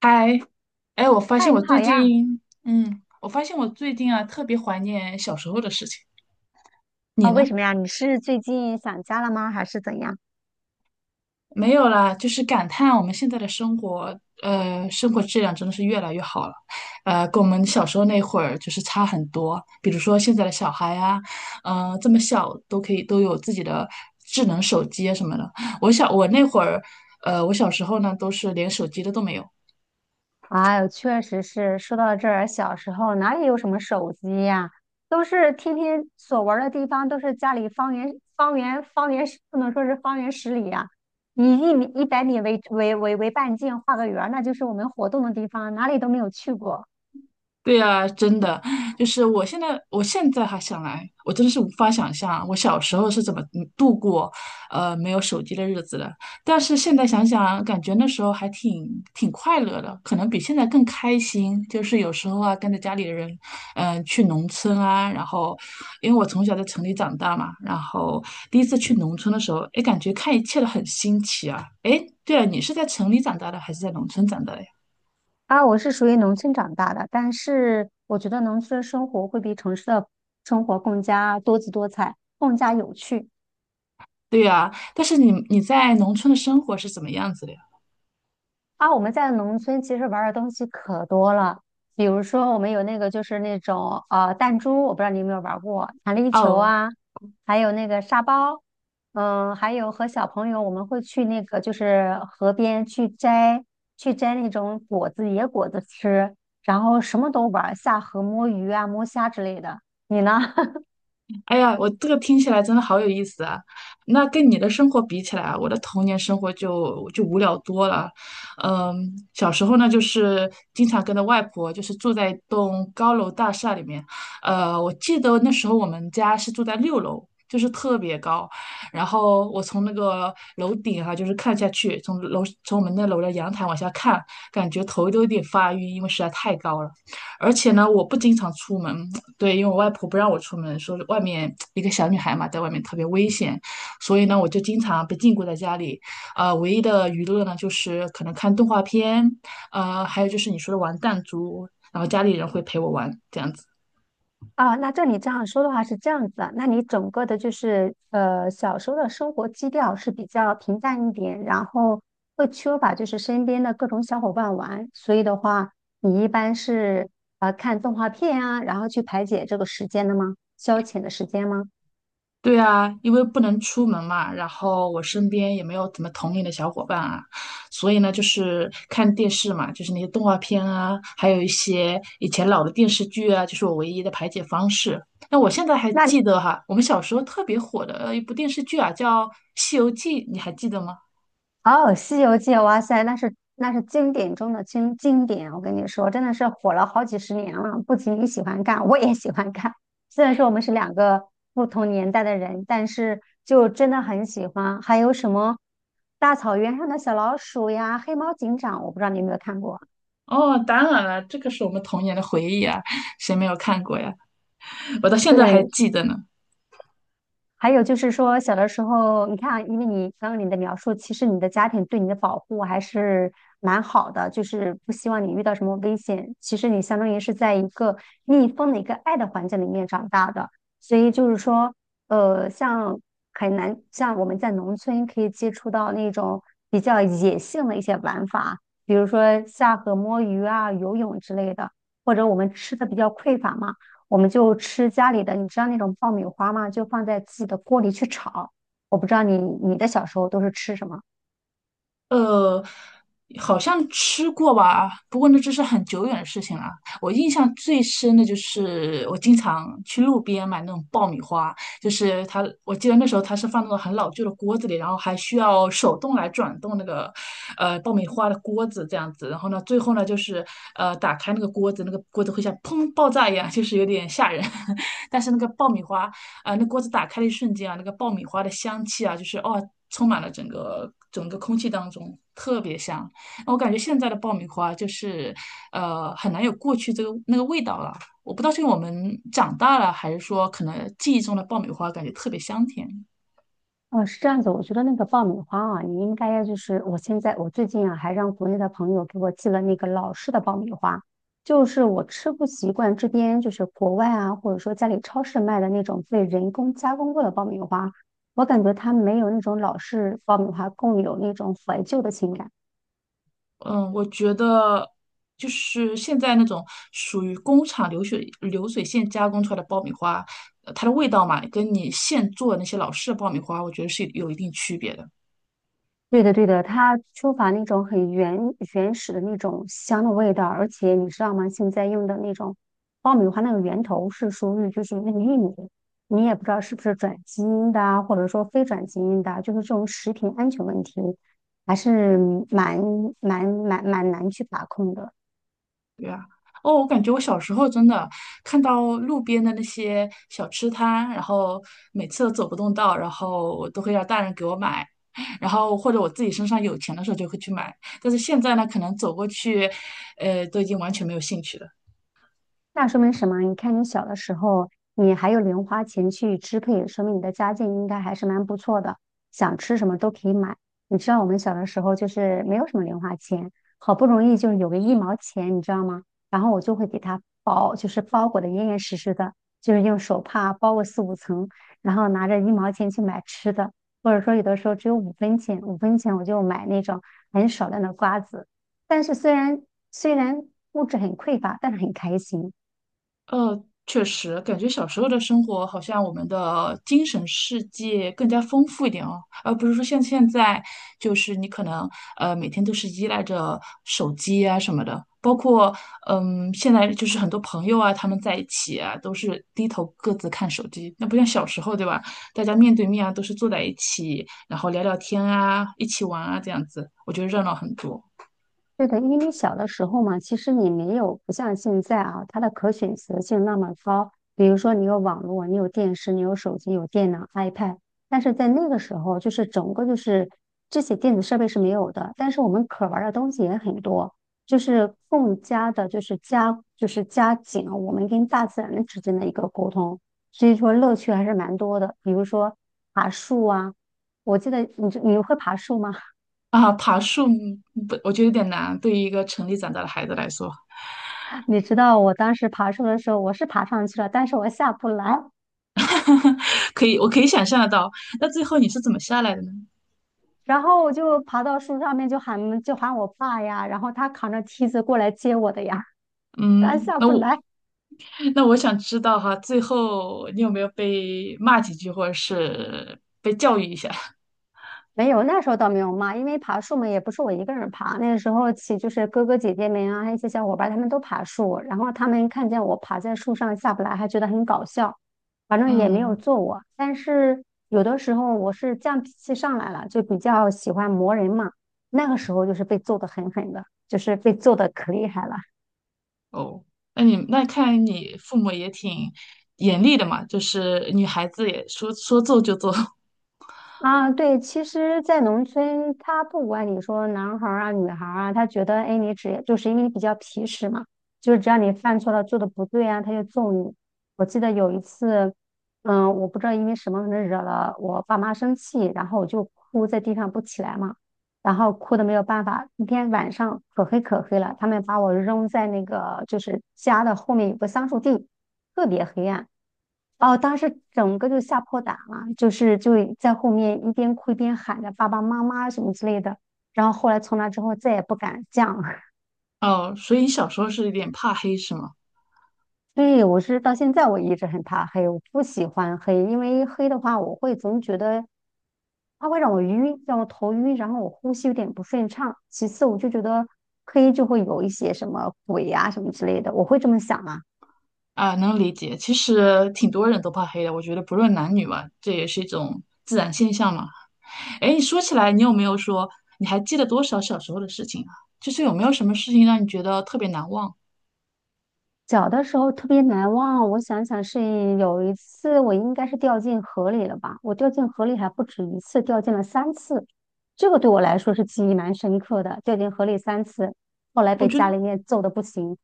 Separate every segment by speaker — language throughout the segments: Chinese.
Speaker 1: 嗨，哎，我发
Speaker 2: 嗨，
Speaker 1: 现
Speaker 2: 你
Speaker 1: 我
Speaker 2: 好
Speaker 1: 最
Speaker 2: 呀！
Speaker 1: 近，特别怀念小时候的事情。你
Speaker 2: 啊、
Speaker 1: 呢？
Speaker 2: 为什么呀？你是最近想家了吗？还是怎样？
Speaker 1: 没有啦，就是感叹我们现在的生活，生活质量真的是越来越好了，跟我们小时候那会儿就是差很多。比如说现在的小孩啊，这么小都可以都有自己的智能手机啊什么的。我那会儿，我小时候呢，都是连手机的都没有。
Speaker 2: 哎呦，确实是。说到这儿，小时候哪里有什么手机呀？都是天天所玩儿的地方，都是家里方圆方圆方圆十，不能说是方圆10里呀、以1米100米为半径画个圆儿那就是我们活动的地方，哪里都没有去过。
Speaker 1: 对呀，真的，我现在还想来，我真的是无法想象我小时候是怎么度过，没有手机的日子的。但是现在想想，感觉那时候还挺快乐的，可能比现在更开心。就是有时候啊，跟着家里的人，去农村啊，然后，因为我从小在城里长大嘛，然后第一次去农村的时候，哎，感觉看一切都很新奇啊。哎，对了，你是在城里长大的，还是在农村长大的呀？
Speaker 2: 啊，我是属于农村长大的，但是我觉得农村的生活会比城市的生活更加多姿多彩，更加有趣。
Speaker 1: 对呀，但是你在农村的生活是怎么样子的呀？
Speaker 2: 啊，我们在农村其实玩的东西可多了，比如说我们有那个就是那种弹珠，我不知道你有没有玩过弹力球
Speaker 1: 哦，
Speaker 2: 啊，还有那个沙包，还有和小朋友我们会去那个就是河边去摘那种果子野果子吃，然后什么都玩儿下河摸鱼啊摸虾之类的。你呢？
Speaker 1: 哎呀，我这个听起来真的好有意思啊！那跟你的生活比起来啊我的童年生活就无聊多了。嗯，小时候呢，就是经常跟着外婆，就是住在一栋高楼大厦里面。我记得那时候我们家是住在六楼，就是特别高。然后我从那个楼顶哈、就是看下去，从我们那楼的阳台往下看，感觉头都有点发晕，因为实在太高了。而且呢，我不经常出门，对，因为我外婆不让我出门，说外面一个小女孩嘛，在外面特别危险，所以呢，我就经常被禁锢在家里。唯一的娱乐呢，就是可能看动画片，还有就是你说的玩弹珠，然后家里人会陪我玩，这样子。
Speaker 2: 啊，那照你这样说的话是这样子啊，那你整个的就是小时候的生活基调是比较平淡一点，然后会缺乏就是身边的各种小伙伴玩，所以的话，你一般是看动画片啊，然后去排解这个时间的吗？消遣的时间吗？
Speaker 1: 对啊，因为不能出门嘛，然后我身边也没有怎么同龄的小伙伴啊，所以呢，就是看电视嘛，就是那些动画片啊，还有一些以前老的电视剧啊，就是我唯一的排解方式。那我现在还记
Speaker 2: 那。
Speaker 1: 得哈，我们小时候特别火的一部电视剧啊，叫《西游记》，你还记得吗？
Speaker 2: 哦，《西游记》哇塞，那是经典中的经典，我跟你说，真的是火了好几十年了。不仅你喜欢看，我也喜欢看。虽然说我们是2个不同年代的人，但是就真的很喜欢。还有什么大草原上的小老鼠呀，黑猫警长，我不知道你有没有看过。
Speaker 1: 哦，当然了，这个是我们童年的回忆啊，谁没有看过呀？我到现在还
Speaker 2: 对，
Speaker 1: 记得呢。
Speaker 2: 还有就是说，小的时候，你看啊，因为你刚刚你的描述，其实你的家庭对你的保护还是蛮好的，就是不希望你遇到什么危险。其实你相当于是在一个密封的一个爱的环境里面长大的，所以就是说，像很难，像我们在农村可以接触到那种比较野性的一些玩法，比如说下河摸鱼啊、游泳之类的，或者我们吃的比较匮乏嘛。我们就吃家里的，你知道那种爆米花吗？就放在自己的锅里去炒。我不知道你的小时候都是吃什么？
Speaker 1: 呃，好像吃过吧，不过那这是很久远的事情了。我印象最深的就是我经常去路边买那种爆米花，就是它，我记得那时候它是放那种很老旧的锅子里，然后还需要手动来转动那个爆米花的锅子这样子。然后呢，最后呢就是打开那个锅子，那个锅子会像砰爆炸一样，就是有点吓人。但是那个爆米花啊，那锅子打开的一瞬间啊，那个爆米花的香气啊，就是哦，充满了整个空气当中，特别香。我感觉现在的爆米花就是，很难有过去这个那个味道了。我不知道是因为我们长大了，还是说可能记忆中的爆米花感觉特别香甜。
Speaker 2: 哦，是这样子。我觉得那个爆米花啊，你应该要就是我现在我最近啊，还让国内的朋友给我寄了那个老式的爆米花，就是我吃不习惯这边就是国外啊，或者说家里超市卖的那种被人工加工过的爆米花，我感觉它没有那种老式爆米花更有那种怀旧的情感。
Speaker 1: 嗯，我觉得就是现在那种属于工厂流水线加工出来的爆米花，它的味道嘛，跟你现做的那些老式的爆米花，我觉得是有一定区别的。
Speaker 2: 对的，对的，它缺乏那种很原始的那种香的味道，而且你知道吗？现在用的那种爆米花那个源头是属于就是那个玉米，你也不知道是不是转基因的啊，或者说非转基因的啊，就是这种食品安全问题还是蛮蛮难去把控的。
Speaker 1: 对啊，哦，我感觉我小时候真的看到路边的那些小吃摊，然后每次都走不动道，然后我都会让大人给我买，然后或者我自己身上有钱的时候就会去买，但是现在呢，可能走过去，都已经完全没有兴趣了。
Speaker 2: 那说明什么啊？你看你小的时候，你还有零花钱去支配，说明你的家境应该还是蛮不错的，想吃什么都可以买。你知道我们小的时候就是没有什么零花钱，好不容易就是有个一毛钱，你知道吗？然后我就会给它包，就是包裹的严严实实的，就是用手帕包个4、5层，然后拿着一毛钱去买吃的，或者说有的时候只有五分钱，五分钱我就买那种很少量的瓜子。但是虽然物质很匮乏，但是很开心。
Speaker 1: 呃，确实，感觉小时候的生活好像我们的精神世界更加丰富一点哦，而不是说像现在，就是你可能每天都是依赖着手机啊什么的，包括现在就是很多朋友啊他们在一起啊都是低头各自看手机，那不像小时候对吧？大家面对面啊都是坐在一起，然后聊聊天啊，一起玩啊这样子，我觉得热闹很多
Speaker 2: 对的，因为你小的时候嘛，其实你没有不像现在啊，它的可选择性那么高。比如说，你有网络，你有电视，你有手机，有电脑、iPad。但是在那个时候，就是整个就是这些电子设备是没有的，但是我们可玩的东西也很多，就是更加的，就是加，就是加紧了我们跟大自然之间的一个沟通。所以说，乐趣还是蛮多的。比如说爬树啊，我记得你会爬树吗？
Speaker 1: 啊。爬树不，我觉得有点难，对于一个城里长大的孩子来说。
Speaker 2: 你知道我当时爬树的时候，我是爬上去了，但是我下不来。
Speaker 1: 可以，我可以想象得到。那最后你是怎么下来的呢？
Speaker 2: 然后我就爬到树上面，就喊我爸呀，然后他扛着梯子过来接我的呀，他
Speaker 1: 嗯，
Speaker 2: 下
Speaker 1: 那
Speaker 2: 不
Speaker 1: 我
Speaker 2: 来。
Speaker 1: 那我想知道哈，最后你有没有被骂几句，或者是被教育一下？
Speaker 2: 没有，那时候倒没有骂，因为爬树嘛，也不是我一个人爬。那个时候起就是哥哥姐姐们啊，还有一些小伙伴，他们都爬树，然后他们看见我爬在树上下不来，还觉得很搞笑，反正也没有
Speaker 1: 嗯，
Speaker 2: 揍我。但是有的时候我是犟脾气上来了，就比较喜欢磨人嘛，那个时候就是被揍得狠狠的，就是被揍得可厉害了。
Speaker 1: 哦，那你看来你父母也挺严厉的嘛，就是女孩子也说做就做。
Speaker 2: 啊，对，其实，在农村，他不管你说男孩儿啊、女孩儿啊，他觉得，哎，你只就是因为你比较皮实嘛，就是只要你犯错了、做的不对啊，他就揍你。我记得有一次，我不知道因为什么，惹了我爸妈生气，然后我就哭在地上不起来嘛。然后哭的没有办法。那天晚上可黑可黑了，他们把我扔在那个就是家的后面有个桑树地，特别黑暗。哦，当时整个就吓破胆了，就在后面一边哭一边喊着爸爸妈妈什么之类的。然后后来从那之后再也不敢这样了。
Speaker 1: 哦，所以你小时候是有点怕黑是吗？
Speaker 2: 所以我是到现在我一直很怕黑，我不喜欢黑，因为黑的话我会总觉得它会让我晕，让我头晕，然后我呼吸有点不顺畅。其次，我就觉得黑就会有一些什么鬼呀、什么之类的，我会这么想啊。
Speaker 1: 啊，能理解。其实挺多人都怕黑的，我觉得不论男女嘛，这也是一种自然现象嘛。哎，说起来，你有没有说你还记得多少小时候的事情啊？就是有没有什么事情让你觉得特别难忘？
Speaker 2: 小的时候特别难忘，我想想是有一次我应该是掉进河里了吧？我掉进河里还不止一次，掉进了三次，这个对我来说是记忆蛮深刻的，掉进河里三次，后来
Speaker 1: 我
Speaker 2: 被
Speaker 1: 觉得
Speaker 2: 家里面揍得不行。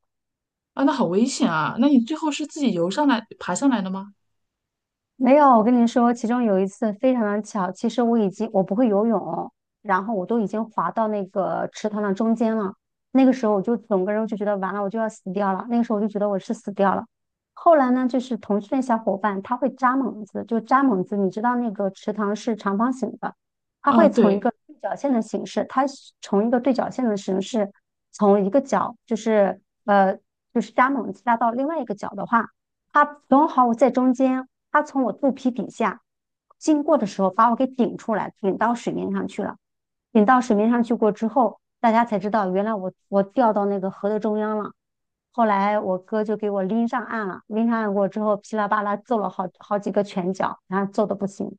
Speaker 1: 啊，那好危险啊！那你最后是自己游上来、爬上来的吗？
Speaker 2: 没有，我跟你说，其中有一次非常的巧，其实我已经我不会游泳，然后我都已经滑到那个池塘的中间了。那个时候我就整个人就觉得完了，我就要死掉了。那个时候我就觉得我是死掉了。后来呢，就是同去的小伙伴，他会扎猛子，就扎猛子，你知道那个池塘是长方形的，
Speaker 1: 啊，对，
Speaker 2: 他从一个对角线的形式，从一个角就是就是扎猛子扎到另外一个角的话。他正好我在中间，他从我肚皮底下经过的时候，把我给顶出来，顶到水面上去了。顶到水面上去过之后，大家才知道原来我掉到那个河的中央了。后来我哥就给我拎上岸了，拎上岸过之后，噼里啪啦揍了好几个拳脚，然后揍的不行。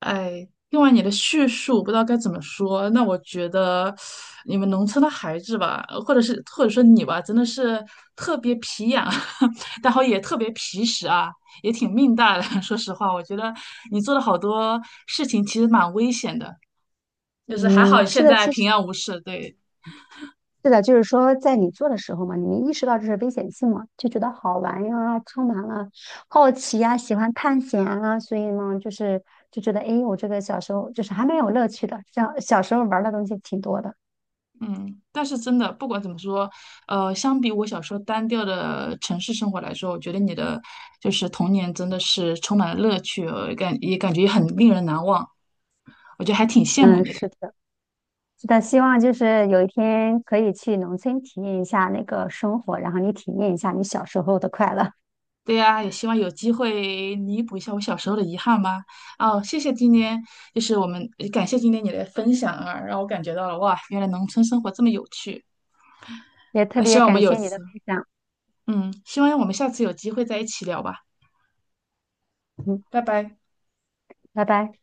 Speaker 1: 哎，听完你的叙述，不知道该怎么说。那我觉得你们农村的孩子吧，或者说你吧，真的是特别皮痒，然后也特别皮实啊，也挺命大的。说实话，我觉得你做了好多事情，其实蛮危险的。就是还好
Speaker 2: 嗯，是
Speaker 1: 现
Speaker 2: 的，
Speaker 1: 在
Speaker 2: 其实
Speaker 1: 平安无事，对，
Speaker 2: 是的，就是说，在你做的时候嘛，你没意识到这是危险性嘛，就觉得好玩呀，充满了好奇呀，喜欢探险啊，所以呢，就是就觉得，诶，我这个小时候就是还蛮有乐趣的，像小时候玩的东西挺多的。
Speaker 1: 嗯，但是真的不管怎么说，相比我小时候单调的城市生活来说，我觉得你的就是童年真的是充满了乐趣，感觉很令人难忘，我觉得还挺羡慕
Speaker 2: 嗯，
Speaker 1: 你的。
Speaker 2: 是的，是的，希望就是有一天可以去农村体验一下那个生活，然后你体验一下你小时候的快乐。
Speaker 1: 对呀，也希望有机会弥补一下我小时候的遗憾吧。哦，谢谢今天，就是我们感谢今天你的分享啊，让我感觉到了哇，原来农村生活这么有趣。
Speaker 2: 也特
Speaker 1: 那希
Speaker 2: 别
Speaker 1: 望我们
Speaker 2: 感
Speaker 1: 有
Speaker 2: 谢你的
Speaker 1: 次，
Speaker 2: 分享，
Speaker 1: 嗯，希望我们下次有机会在一起聊吧，
Speaker 2: 嗯，
Speaker 1: 拜拜。
Speaker 2: 拜拜。